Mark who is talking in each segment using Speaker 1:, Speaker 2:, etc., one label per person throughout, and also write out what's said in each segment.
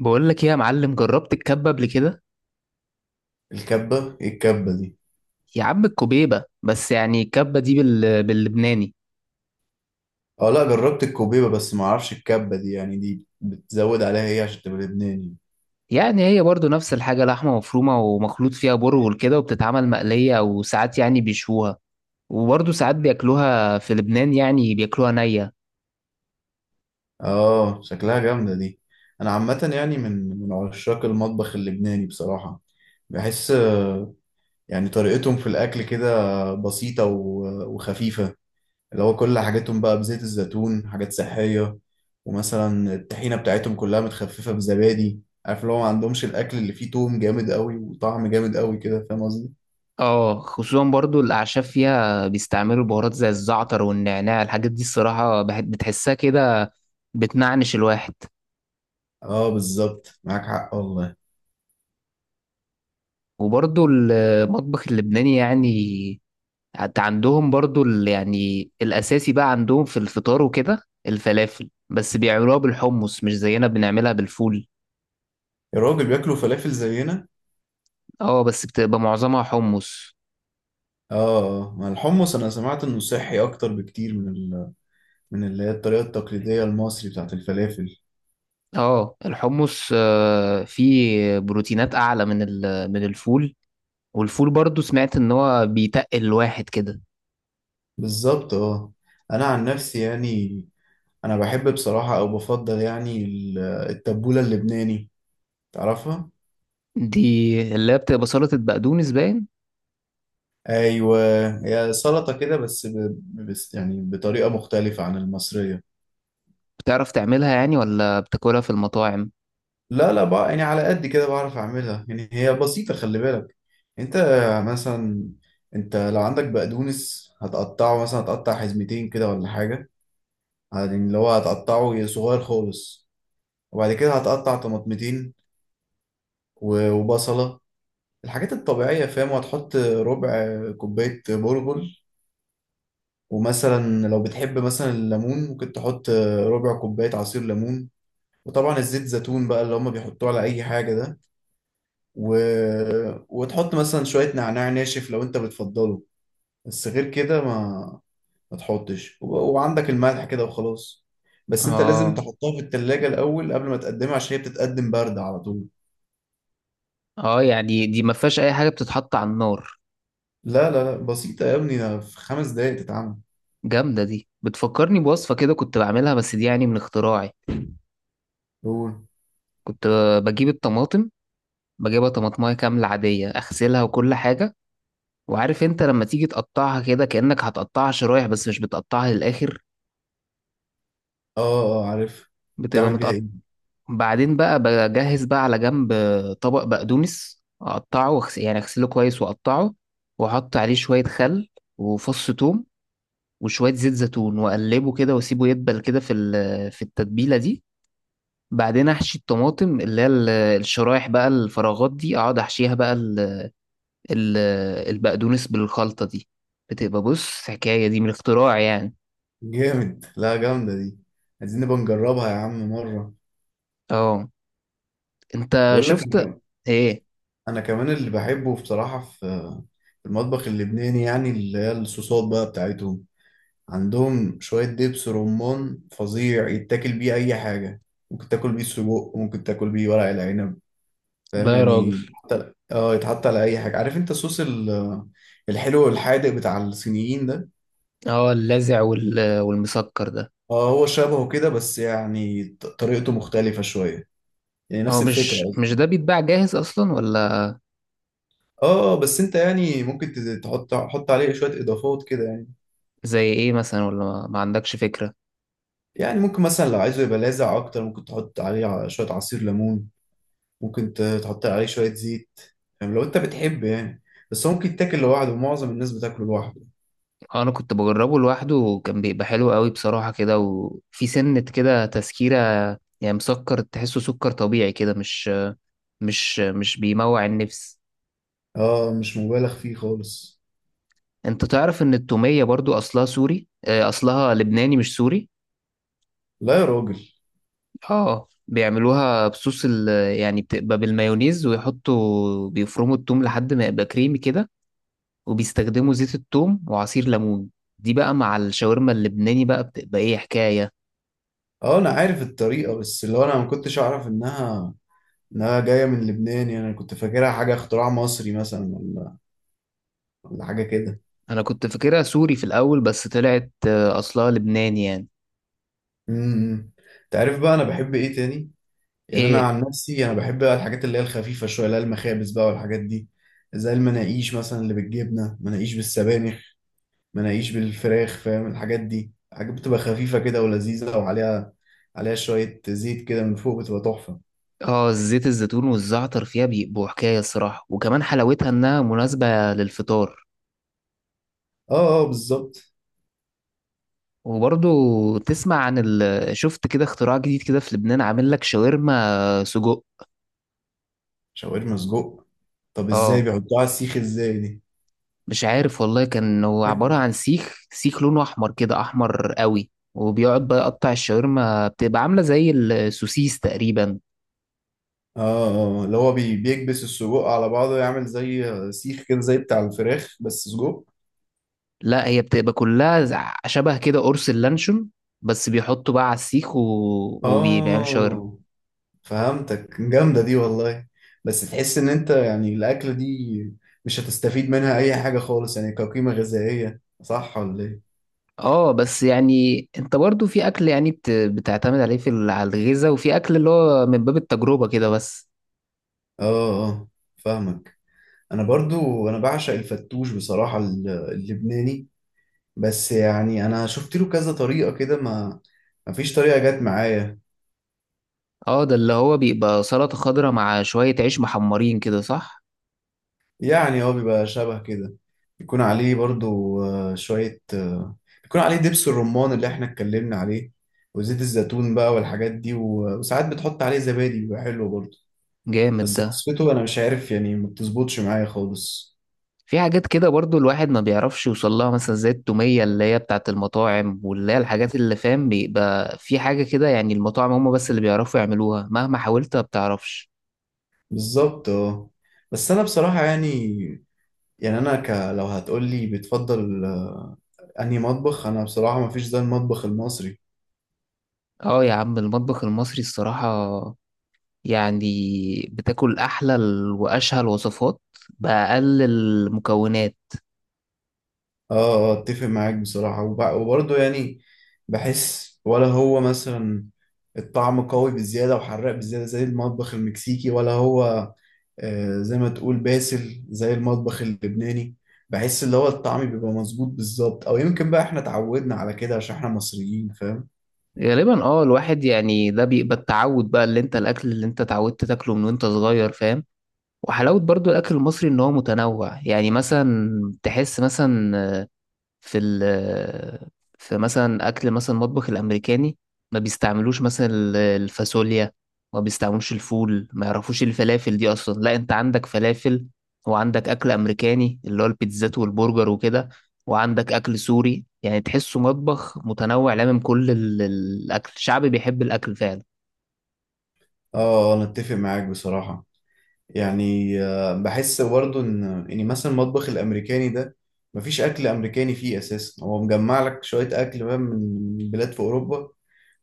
Speaker 1: بقول لك ايه يا معلم، جربت الكبه قبل كده؟
Speaker 2: الكبة ايه؟ الكبة دي؟
Speaker 1: يا عم الكبيبه، بس يعني الكبه دي باللبناني.
Speaker 2: اه لا، جربت الكوبيبة بس ما اعرفش الكبة دي، يعني دي بتزود عليها ايه عشان تبقى لبناني؟
Speaker 1: يعني هي برضو نفس الحاجه، لحمه مفرومه ومخلوط فيها برغل كده، وبتتعمل مقليه، وساعات يعني بيشوها. وبرضو ساعات بياكلوها في لبنان، يعني بياكلوها نيه.
Speaker 2: اه شكلها جامدة دي. انا عامة يعني من عشاق المطبخ اللبناني بصراحة. بحس آه، يعني طريقتهم في الاكل كده بسيطة وخفيفة. اللي هو كل حاجاتهم بقى بزيت الزيتون، حاجات صحية. ومثلا الطحينة بتاعتهم كلها متخففة بزبادي. عارف اللي هو ما عندهمش الاكل اللي فيه توم جامد قوي وطعم جامد قوي كده، فاهم قصدي.
Speaker 1: اه خصوصا برضو الاعشاب فيها، بيستعملوا بهارات زي الزعتر والنعناع، الحاجات دي الصراحه بتحسها كده، بتنعنش الواحد.
Speaker 2: اه بالظبط، معاك حق والله.
Speaker 1: وبرضو المطبخ اللبناني يعني، حتى عندهم برضو يعني الأساسي بقى عندهم في الفطار وكده الفلافل، بس بيعملوها بالحمص، مش زينا بنعملها بالفول.
Speaker 2: الراجل بياكلوا فلافل زينا.
Speaker 1: اه بس بتبقى معظمها حمص.
Speaker 2: اه. آه. مع الحمص انا سمعت انه صحي اكتر بكتير من من اللي هي الطريقه التقليديه المصري بتاعت الفلافل.
Speaker 1: اه الحمص، فيه بروتينات أعلى من الفول. والفول برضو سمعت إن هو بيتقل الواحد كده.
Speaker 2: بالظبط اه. انا عن نفسي يعني انا بحب بصراحه، او بفضل يعني التبوله اللبناني، تعرفها؟
Speaker 1: دي اللي هي بتبقى سلطة بقدونس باين.
Speaker 2: ايوه، هي سلطه كده بس بس يعني بطريقه مختلفه عن المصريه.
Speaker 1: بتعرف تعملها يعني ولا بتاكلها في المطاعم؟
Speaker 2: لا لا بقى، يعني على قد كده بعرف اعملها. يعني هي بسيطة، خلي بالك، انت مثلا، انت لو عندك بقدونس هتقطعه، مثلا هتقطع حزمتين كده ولا حاجة، يعني اللي هو هتقطعه صغير خالص. وبعد كده هتقطع طماطمتين وبصلة، الحاجات الطبيعية فاهم، وهتحط ربع كوباية برغل. ومثلا لو بتحب مثلا الليمون ممكن تحط ربع كوباية عصير ليمون. وطبعا الزيت زيتون بقى اللي هما بيحطوه على أي حاجة ده، و... وتحط مثلا شوية نعناع ناشف لو انت بتفضله. بس غير كده ما ما تحطش. وعندك الملح كده وخلاص. بس انت لازم
Speaker 1: اه
Speaker 2: تحطها في التلاجة الأول قبل ما تقدمها عشان هي بتتقدم باردة على طول.
Speaker 1: اه، يعني دي ما فيهاش أي حاجة بتتحط على النار.
Speaker 2: لا لا لا، بسيطة يا ابني، ده في 5 دقايق تتعمل.
Speaker 1: جامدة دي، بتفكرني بوصفة كده كنت بعملها، بس دي يعني من اختراعي.
Speaker 2: قول.
Speaker 1: كنت بجيب الطماطم، بجيبها طماطماية كاملة عادية، أغسلها وكل حاجة، وعارف أنت لما تيجي تقطعها كده كأنك هتقطعها شرايح، بس مش بتقطعها للآخر،
Speaker 2: اه اه آه، عارف.
Speaker 1: بتبقى
Speaker 2: بتعمل بيها
Speaker 1: متقطع.
Speaker 2: ايه؟
Speaker 1: بعدين بقى بجهز بقى على جنب طبق بقدونس، أقطعه يعني أغسله كويس وأقطعه، وأحط عليه شوية خل وفص ثوم وشوية زيت زيتون، وأقلبه كده وأسيبه يدبل كده في التتبيلة دي. بعدين احشي الطماطم اللي هي الشرايح بقى، الفراغات دي اقعد احشيها بقى ال- البقدونس بالخلطة دي. بتبقى بص، حكاية دي من الاختراع يعني.
Speaker 2: جامد، لا جامدة دي. عايزين نبقى نجربها يا عم مرة.
Speaker 1: اه انت
Speaker 2: بقول لك انا
Speaker 1: شفت.
Speaker 2: كمان،
Speaker 1: ايه؟
Speaker 2: انا كمان اللي بحبه بصراحة في في المطبخ اللبناني، يعني اللي هي الصوصات بقى بتاعتهم. عندهم شوية دبس رمان فظيع، يتاكل بيه أي حاجة. ممكن تاكل بيه سجق، ممكن تاكل بيه ورق العنب، فاهم؟
Speaker 1: لا يا راجل.
Speaker 2: يعني يتحط على أي حاجة. عارف أنت الصوص الحلو والحادق بتاع الصينيين ده؟
Speaker 1: اه اللاذع والمسكر ده.
Speaker 2: اه هو شبهه كده، بس يعني طريقته مختلفة شوية، يعني نفس
Speaker 1: هو
Speaker 2: الفكرة
Speaker 1: مش
Speaker 2: قصدي.
Speaker 1: ده بيتباع جاهز اصلا ولا؟
Speaker 2: اه، بس انت يعني ممكن تحط عليه شوية اضافات كده يعني.
Speaker 1: زي ايه مثلا، ولا ما عندكش فكرة؟
Speaker 2: يعني ممكن مثلا لو عايزه يبقى لاذع اكتر، ممكن تحط عليه شوية عصير ليمون. ممكن تحط عليه شوية زيت، فاهم، لو انت بتحب يعني. بس هو ممكن يتاكل لوحده، ومعظم الناس بتاكله لوحده.
Speaker 1: اه انا كنت بجربه لوحده، وكان بيبقى حلو قوي بصراحة كده، وفي سنة كده تسكيرة، يعني مسكر تحسه سكر طبيعي كده، مش. مش بيموع النفس.
Speaker 2: اه مش مبالغ فيه خالص.
Speaker 1: انت تعرف ان التومية برضو اصلها سوري، اصلها لبناني مش سوري.
Speaker 2: لا يا راجل.
Speaker 1: اه بيعملوها بصوص يعني بتبقى بالمايونيز، ويحطوا بيفرموا التوم لحد ما يبقى كريمي كده، وبيستخدموا زيت التوم وعصير ليمون. دي بقى مع الشاورما اللبناني بقى بتبقى ايه حكاية.
Speaker 2: اه انا عارف الطريقة، بس اللي هو انا ما كنتش اعرف انها جاية من لبنان، يعني انا كنت فاكرها حاجة اختراع مصري مثلا ولا حاجة كده.
Speaker 1: انا كنت فاكرها سوري في الاول، بس طلعت اصلها لبناني يعني.
Speaker 2: امم. انت عارف بقى انا بحب ايه تاني؟ يعني انا
Speaker 1: ايه؟
Speaker 2: عن نفسي، انا بحب بقى الحاجات اللي هي الخفيفة شوية، اللي هي المخابز بقى والحاجات دي. زي المناقيش مثلا، اللي بالجبنة، مناقيش بالسبانخ، مناقيش بالفراخ، فاهم؟ الحاجات دي حاجات بتبقى خفيفة كده ولذيذة، وعليها، عليها شوية زيت كده من فوق، بتبقى تحفة.
Speaker 1: اه زيت الزيتون والزعتر فيها بيبقوا حكاية الصراحة، وكمان حلاوتها انها مناسبة للفطار.
Speaker 2: اه اه بالظبط.
Speaker 1: وبرضو تسمع عن شفت كده، اختراع جديد كده في لبنان، عامل لك شاورما سجق.
Speaker 2: شاورما سجق؟ طب ازاي
Speaker 1: اه
Speaker 2: بيحطوها على السيخ، ازاي دي؟
Speaker 1: مش عارف والله، كان هو عبارة عن سيخ، سيخ لونه أحمر كده، أحمر قوي، وبيقعد بقى يقطع الشاورما، بتبقى عاملة زي السوسيس تقريبا.
Speaker 2: اه. اه اللي هو بيكبس السجق على بعضه، يعمل زي سيخ كده زي بتاع الفراخ بس سجق.
Speaker 1: لا هي بتبقى كلها شبه كده قرص اللانشون، بس بيحطوا بقى على السيخ وبيعملوا شاورما.
Speaker 2: اه فهمتك، جامدة دي والله. بس تحس ان انت يعني الأكلة دي مش هتستفيد منها أي حاجة خالص، يعني كقيمة غذائية، صح ولا إيه؟
Speaker 1: اه بس يعني انت برضو في اكل يعني بتعتمد عليه على الغذاء، وفي اكل اللي هو من باب التجربة كده بس.
Speaker 2: اه اه فاهمك. انا برضو انا بعشق الفتوش بصراحة، اللبناني. بس يعني انا شفت له كذا طريقة كده، ما فيش طريقة جت معايا.
Speaker 1: اه ده اللي هو بيبقى سلطة خضراء مع شوية عيش محمرين كده، صح؟
Speaker 2: يعني هو بيبقى شبه كده، بيكون عليه برضو آه، شوية آه، بيكون عليه دبس الرمان اللي احنا اتكلمنا عليه، وزيت الزيتون بقى والحاجات دي، وساعات بتحط عليه زبادي بيبقى حلو برضو.
Speaker 1: جامد
Speaker 2: بس
Speaker 1: ده.
Speaker 2: وصفته انا مش عارف يعني، ما بتظبطش معايا خالص.
Speaker 1: في حاجات كده برضو الواحد ما بيعرفش يوصل لها، مثلا زي التومية اللي هي بتاعت المطاعم، واللي هي الحاجات اللي فاهم، بيبقى في حاجة كده يعني، المطاعم هم بس اللي بيعرفوا يعملوها، مهما حاولت ما بتعرفش.
Speaker 2: بالظبط اه. بس انا بصراحة يعني، يعني انا لو هتقولي بتفضل آه، انهي مطبخ، انا بصراحه مفيش زي المطبخ المصري.
Speaker 1: اه يا عم المطبخ المصري الصراحة، يعني بتاكل أحلى وأشهى الوصفات بأقل المكونات.
Speaker 2: اه آه، اتفق معاك بصراحه، وبرضه يعني بحس ولا هو مثلا الطعم قوي بزياده وحراق بزياده زي المطبخ المكسيكي، ولا هو آه، زي ما تقول باسل زي المطبخ اللبناني؟ بحس اللي هو الطعم بيبقى مظبوط بالظبط، او يمكن بقى احنا اتعودنا على كده عشان احنا مصريين، فاهم.
Speaker 1: غالبا اه، الواحد يعني ده بيبقى التعود بقى، اللي انت الأكل اللي انت اتعودت تاكله من وانت صغير فاهم. وحلاوة برضو الأكل المصري إن هو متنوع، يعني مثلا تحس مثلا، في ال آه، في مثلا أكل مثلا المطبخ الأمريكاني، ما بيستعملوش مثلا الفاصوليا، ما بيستعملوش الفول، ما يعرفوش إيه الفلافل دي أصلا. لا أنت عندك فلافل، وعندك أكل أمريكاني اللي هو البيتزات والبرجر وكده، وعندك أكل سوري، يعني تحسه مطبخ متنوع، لامم كل الأكل الشعب بيحب الأكل فعلا.
Speaker 2: اه آه، انا اتفق معاك بصراحه. يعني آه، بحس برضه ان يعني مثلا المطبخ الامريكاني ده، مفيش اكل امريكاني فيه اساسا، هو مجمع لك شويه اكل بقى من بلاد في اوروبا،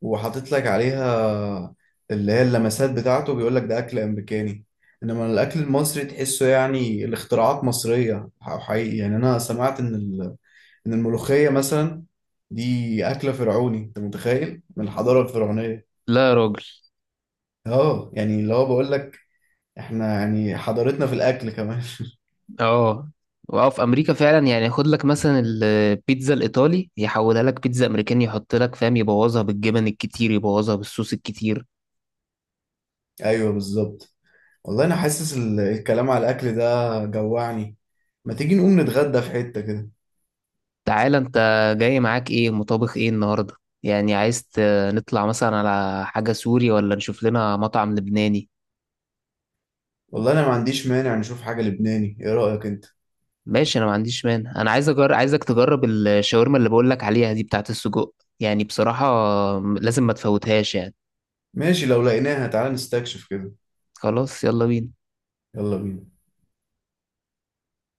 Speaker 2: وحاطط لك عليها اللي هي اللمسات بتاعته، بيقول لك ده اكل امريكاني. انما الاكل المصري تحسه يعني الاختراعات مصريه حقيقي. يعني انا سمعت ان ان الملوخيه مثلا دي اكله فرعوني، انت متخيل، من الحضاره الفرعونيه.
Speaker 1: لا يا راجل.
Speaker 2: اه يعني اللي هو بقول لك احنا يعني حضارتنا في الاكل كمان.
Speaker 1: اه، واه في امريكا فعلا، يعني ياخد لك مثلا البيتزا الايطالي، يحولها لك بيتزا امريكاني، يحط لك فاهم، يبوظها بالجبن الكتير، يبوظها بالصوص الكتير.
Speaker 2: ايوه بالظبط. والله انا حاسس الكلام على الاكل ده جوعني. ما تيجي نقوم نتغدى في حتة كده؟
Speaker 1: تعالى انت، جاي معاك ايه مطابخ ايه النهارده؟ يعني عايز نطلع مثلا على حاجه سوري، ولا نشوف لنا مطعم لبناني؟
Speaker 2: والله انا ما عنديش مانع، نشوف حاجة لبناني، ايه رأيك انت؟
Speaker 1: ماشي انا ما عنديش مانع، انا عايز عايزك تجرب الشاورما اللي بقول لك عليها دي، بتاعت السجق، يعني بصراحه لازم ما تفوتهاش يعني.
Speaker 2: ماشي لو لقيناها، تعالى نستكشف كده.
Speaker 1: خلاص يلا بينا.
Speaker 2: يلا بينا.